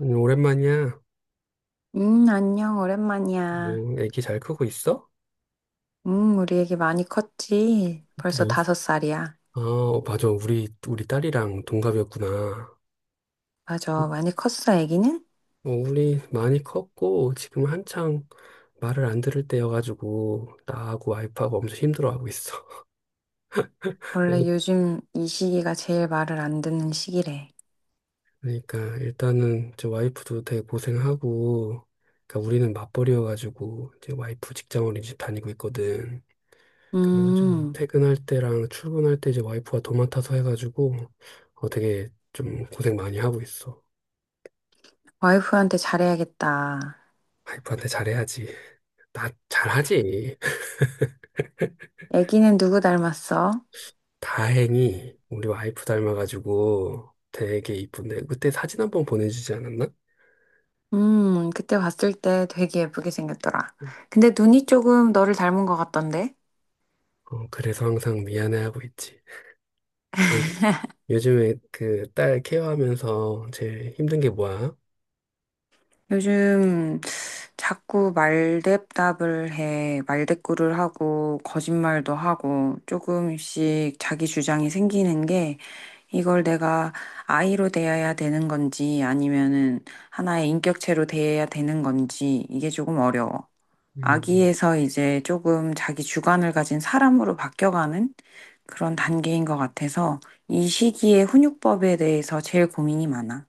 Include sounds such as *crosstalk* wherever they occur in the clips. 아니, 오랜만이야. 안녕, 오랜만이야. 뭐, 애기 잘 크고 있어? 우리 애기 많이 컸지? 또 벌써 매우 다섯 살이야. 맞아. 우리 딸이랑 동갑이었구나. 맞아, 많이 컸어, 애기는? 어, 우리 많이 컸고, 지금 한창 말을 안 들을 때여가지고, 나하고 와이프하고 엄청 힘들어하고 있어. *laughs* 어, 원래 요즘 이 시기가 제일 말을 안 듣는 시기래. 그러니까, 일단은, 저 와이프도 되게 고생하고, 그러니까 우리는 맞벌이여가지고, 이제 와이프 직장린이집 다니고 있거든. 그래서 지 음, 퇴근할 때랑 출근할 때 이제 와이프가 도맡아서 해가지고 되게 좀 고생 많이 하고 있어. 와이프한테 잘해야겠다. 와이프한테 잘해야지. 나 잘하지. *laughs* 애기는 누구 닮았어? 다행히 우리 와이프 닮아가지고 되게 이쁜데 그때 사진 한 번 보내주지 않았나? 그때 봤을 때 되게 예쁘게 생겼더라. 근데 눈이 조금 너를 닮은 것 같던데? 어, 그래서 항상 미안해하고 있지. 음, 요즘에 그 딸 케어하면서 제일 힘든 게 뭐야? 요즘 자꾸 말대답을 해, 말대꾸를 하고, 거짓말도 하고, 조금씩 자기 주장이 생기는 게, 이걸 내가 아이로 대해야 되는 건지, 아니면은 하나의 인격체로 대해야 되는 건지, 이게 조금 어려워. 음, 아기에서 이제 조금 자기 주관을 가진 사람으로 바뀌어가는 그런 단계인 것 같아서, 이 시기에 훈육법에 대해서 제일 고민이 많아.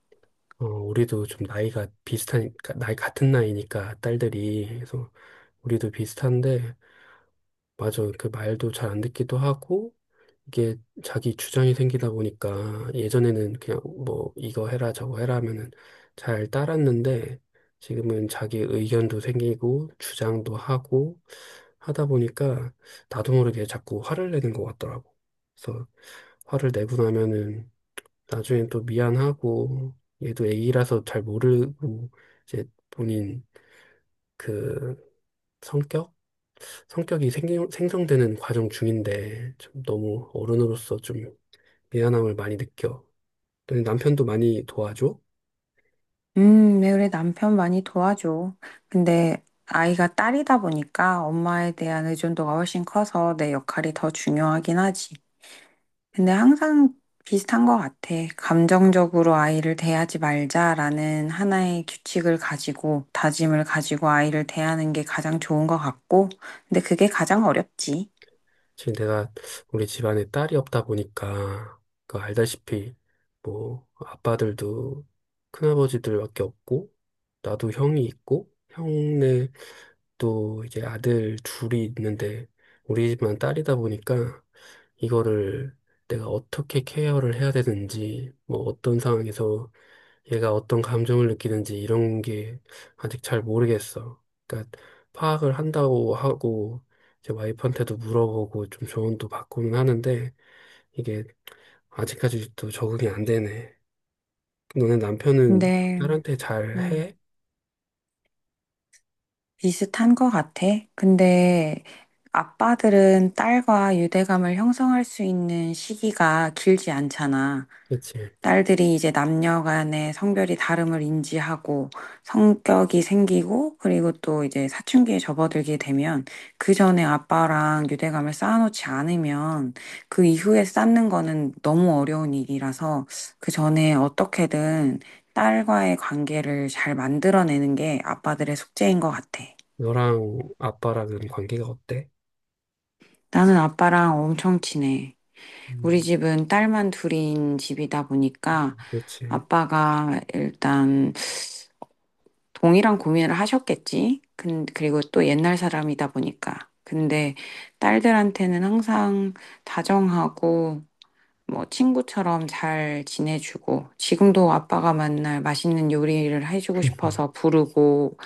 어, 우리도 좀 나이가 비슷하니까, 나이 같은 나이니까 딸들이. 그래서 우리도 비슷한데, 맞아. 그 말도 잘 안 듣기도 하고, 이게 자기 주장이 생기다 보니까 예전에는 그냥 뭐 이거 해라 저거 해라 하면은 잘 따랐는데 지금은 자기 의견도 생기고 주장도 하고 하다 보니까 나도 모르게 자꾸 화를 내는 것 같더라고. 그래서 화를 내고 나면은 나중엔 또 미안하고 얘도 애기라서 잘 모르고 이제 본인 그 성격? 성격이 생성되는 과정 중인데 참 너무 어른으로서 좀 미안함을 많이 느껴. 또 남편도 많이 도와줘. 네, 그래, 남편 많이 도와줘. 근데 아이가 딸이다 보니까 엄마에 대한 의존도가 훨씬 커서 내 역할이 더 중요하긴 하지. 근데 항상 비슷한 것 같아. 감정적으로 아이를 대하지 말자라는 하나의 규칙을 가지고, 다짐을 가지고 아이를 대하는 게 가장 좋은 것 같고, 근데 그게 가장 어렵지. 지금 내가 우리 집안에 딸이 없다 보니까 그 알다시피 뭐 아빠들도 큰아버지들밖에 없고 나도 형이 있고 형네 또 이제 아들 둘이 있는데 우리 집만 딸이다 보니까 이거를 내가 어떻게 케어를 해야 되는지 뭐 어떤 상황에서 얘가 어떤 감정을 느끼는지 이런 게 아직 잘 모르겠어. 그러니까 파악을 한다고 하고 제 와이프한테도 물어보고 좀 조언도 받고는 하는데 이게 아직까지도 적응이 안 되네. 너네 남편은 근데, 딸한테 잘 음, 해? 비슷한 것 같아. 근데 아빠들은 딸과 유대감을 형성할 수 있는 시기가 길지 않잖아. 그렇지. 딸들이 이제 남녀 간의 성별이 다름을 인지하고 성격이 생기고 그리고 또 이제 사춘기에 접어들게 되면 그 전에 아빠랑 유대감을 쌓아놓지 않으면 그 이후에 쌓는 거는 너무 어려운 일이라서 그 전에 어떻게든 딸과의 관계를 잘 만들어내는 게 아빠들의 숙제인 것 같아. 너랑 아빠랑은 관계가 어때? 나는 아빠랑 엄청 친해. 우리 음, 집은 딸만 둘인 집이다 보니까 그렇지. 아빠가 일단 동일한 고민을 하셨겠지. 근 그리고 또 옛날 사람이다 보니까. 근데 딸들한테는 항상 다정하고 뭐 친구처럼 잘 지내주고 지금도 아빠가 만날 맛있는 요리를 해주고 음. 싶어서 부르고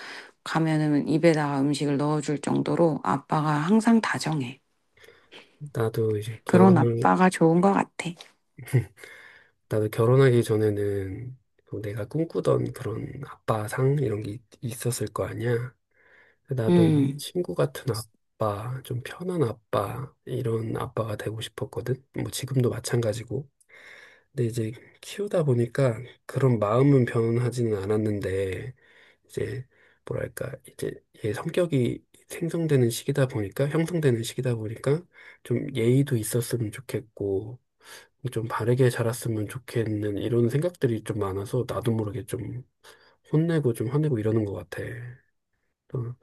가면은 입에다가 음식을 넣어줄 정도로 아빠가 항상 다정해. 나도 이제 그런 결혼을, 아빠가 좋은 것 같아. 나도 결혼하기 전에는 뭐 내가 꿈꾸던 그런 아빠상 이런 게 있었을 거 아니야. 그 나도 음, 친구 같은 아빠, 좀 편한 아빠, 이런 아빠가 되고 싶었거든. 뭐 지금도 마찬가지고. 근데 이제 키우다 보니까 그런 마음은 변하지는 않았는데, 이제 뭐랄까, 이제 얘 성격이 생성되는 시기다 보니까, 형성되는 시기다 보니까, 좀 예의도 있었으면 좋겠고, 좀 바르게 자랐으면 좋겠는 이런 생각들이 좀 많아서 나도 모르게 좀 혼내고 좀 화내고 이러는 것 같아. 또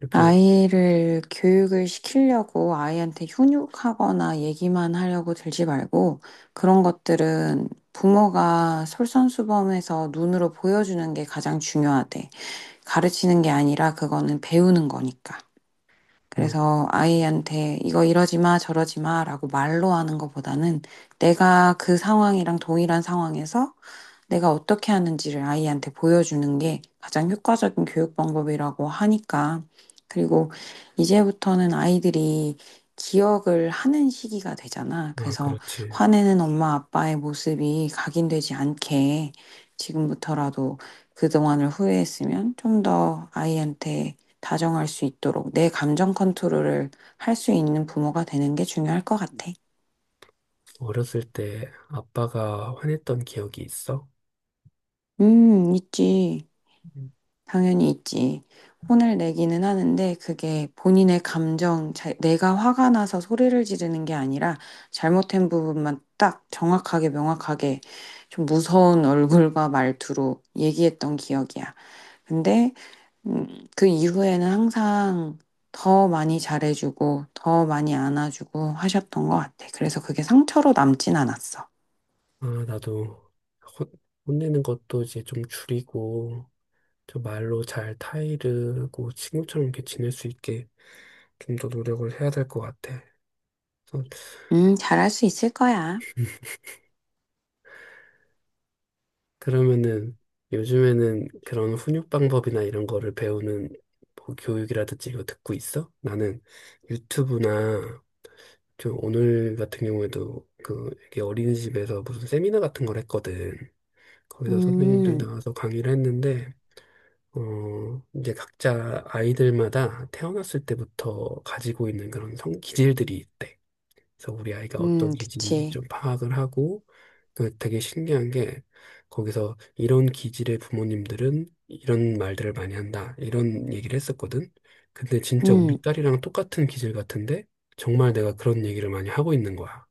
이렇게 아이를 교육을 시키려고 아이한테 훈육하거나 얘기만 하려고 들지 말고 그런 것들은 부모가 솔선수범해서 눈으로 보여주는 게 가장 중요하대. 가르치는 게 아니라 그거는 배우는 거니까. 어, 그래서 아이한테 이거 이러지 마, 저러지 마 라고 말로 하는 것보다는 내가 그 상황이랑 동일한 상황에서 내가 어떻게 하는지를 아이한테 보여주는 게 가장 효과적인 교육 방법이라고 하니까. 그리고 이제부터는 아이들이 기억을 하는 시기가 되잖아. 아, 그래서 그렇지. 화내는 엄마 아빠의 모습이 각인되지 않게 지금부터라도 그동안을 후회했으면 좀 더 아이한테 다정할 수 있도록 내 감정 컨트롤을 할 수 있는 부모가 되는 게 중요할 것 같아. 어렸을 때 아빠가 화냈던 기억이 있어? 있지. 음. 당연히 있지. 혼을 내기는 하는데 그게 본인의 감정, 내가 화가 나서 소리를 지르는 게 아니라 잘못된 부분만 딱 정확하게 명확하게 좀 무서운 *laughs* 얼굴과 말투로 얘기했던 기억이야. 근데 그 이후에는 항상 더 많이 잘해주고 더 많이 안아주고 하셨던 것 같아. 그래서 그게 상처로 남진 않았어. 아, 나도 혼, 혼내는 것도 이제 좀 줄이고, 저 말로 잘 타이르고 친구처럼 이렇게 지낼 수 있게 좀 더 노력을 해야 될 것 같아. 그래서 잘할 수 있을 거야. 그러면은 요즘에는 그런 훈육 방법이나 이런 거를 배우는 뭐 교육이라든지 이거 듣고 있어? 나는 유튜브나 좀 오늘 같은 경우에도 그 이게 어린이집에서 무슨 세미나 같은 걸 했거든. 거기서 선배님들 음, 나와서 강의를 했는데, 어, 이제 각자 아이들마다 태어났을 때부터 가지고 있는 그런 성 기질들이 있대. 그래서 우리 아이가 어떤 기질인지 그치. 좀 파악을 하고, 그 되게 신기한 게, 거기서 이런 기질의 부모님들은 이런 말들을 많이 한다. 이런 얘기를 했었거든. 근데 진짜 음, 우리 딸이랑 똑같은 기질 같은데, 정말 내가 그런 얘기를 많이 하고 있는 거야.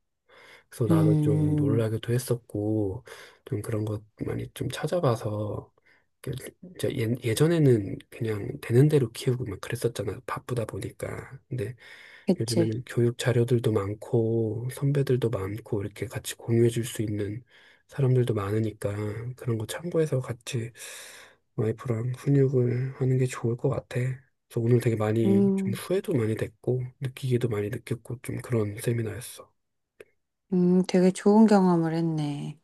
그래서 나도 좀 음, 놀라기도 했었고, 좀 그런 것 많이 좀 찾아봐서 그 저 예전에는 그냥 되는 대로 키우고 막 그랬었잖아. 바쁘다 보니까. 근데 그치. 요즘에는 교육 자료들도 많고 선배들도 많고 이렇게 같이 공유해 줄 수 있는 사람들도 많으니까 그런 거 참고해서 같이 와이프랑 훈육을 하는 게 좋을 것 같아. 그래서 오늘 되게 많이 좀 음, 후회도 많이 됐고 느끼기도 많이 느꼈고 좀 그런 세미나였어. 되게 좋은 경험을 했네.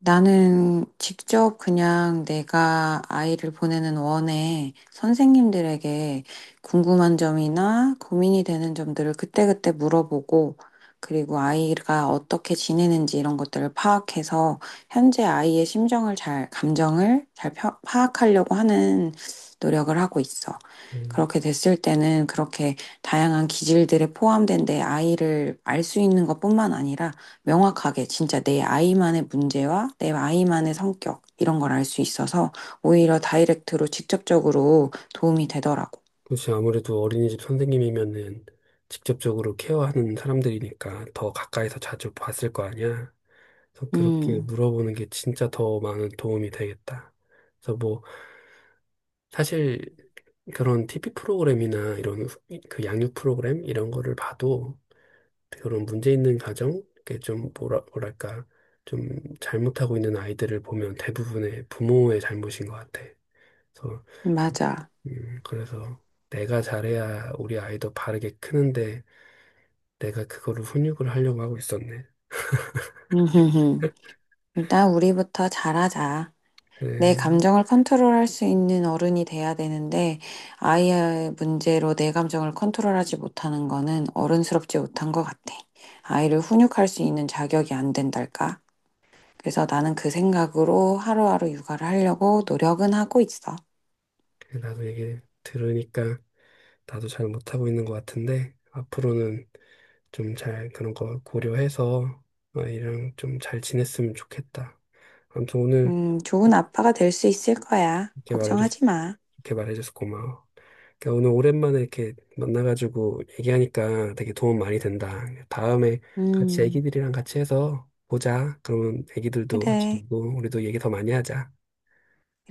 나는 직접 그냥 내가 아이를 보내는 원에 선생님들에게 궁금한 점이나 고민이 되는 점들을 그때그때 물어보고, 그리고 아이가 어떻게 지내는지 이런 것들을 파악해서 현재 아이의 심정을 잘, 감정을 잘 파악하려고 하는 노력을 하고 있어. 음. 그렇게 됐을 때는 그렇게 다양한 기질들에 포함된 내 아이를 알 수 있는 것뿐만 아니라 명확하게 진짜 내 아이만의 문제와 내 아이만의 성격 이런 걸 알 수 있어서 오히려 다이렉트로 직접적으로 도움이 되더라고. 그렇지. 아무래도 어린이집 선생님이면은 직접적으로 케어하는 사람들이니까 더 가까이서 자주 봤을 거 아니야. 그래서 그렇게 음, 물어보는 게 진짜 더 많은 도움이 되겠다. 그래서 뭐 사실 그런 TV 프로그램이나 이런 그 양육 프로그램 이런 거를 봐도 그런 문제 있는 가정, 이렇게 좀 뭐라 뭐랄까 좀 잘못하고 있는 아이들을 보면 대부분의 부모의 잘못인 것 같아. 그래서 맞아. 그래서 내가 잘해야 우리 아이도 바르게 크는데 내가 그거를 훈육을 하려고 하고 있었네. 음흠흠. 일단 우리부터 잘하자. 내 그래, 감정을 컨트롤할 수 있는 어른이 돼야 되는데 아이의 문제로 내 감정을 컨트롤하지 못하는 거는 어른스럽지 못한 것 같아. 아이를 훈육할 수 있는 자격이 안 된달까? 그래서 나는 그 생각으로 하루하루 육아를 하려고 노력은 하고 있어. 그래, 나도 얘기 들으니까 나도 잘 못하고 있는 것 같은데 앞으로는 좀 잘 그런 거 고려해서 아이랑 좀 잘 지냈으면 좋겠다. 아무튼 오늘 좋은 아빠가 될 수 있을 거야. 이렇게 말해줘서 걱정하지 마. 개발해줘서 고마워. 그러니까 오늘 오랜만에 이렇게 만나가지고 얘기하니까 되게 도움 많이 된다. 다음에 같이 음, 애기들이랑 같이 해서 보자. 그러면 애기들도 같이 그래, 놀고 우리도 얘기 더 많이 하자.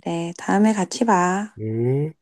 그래. 다음에 같이 봐. 음.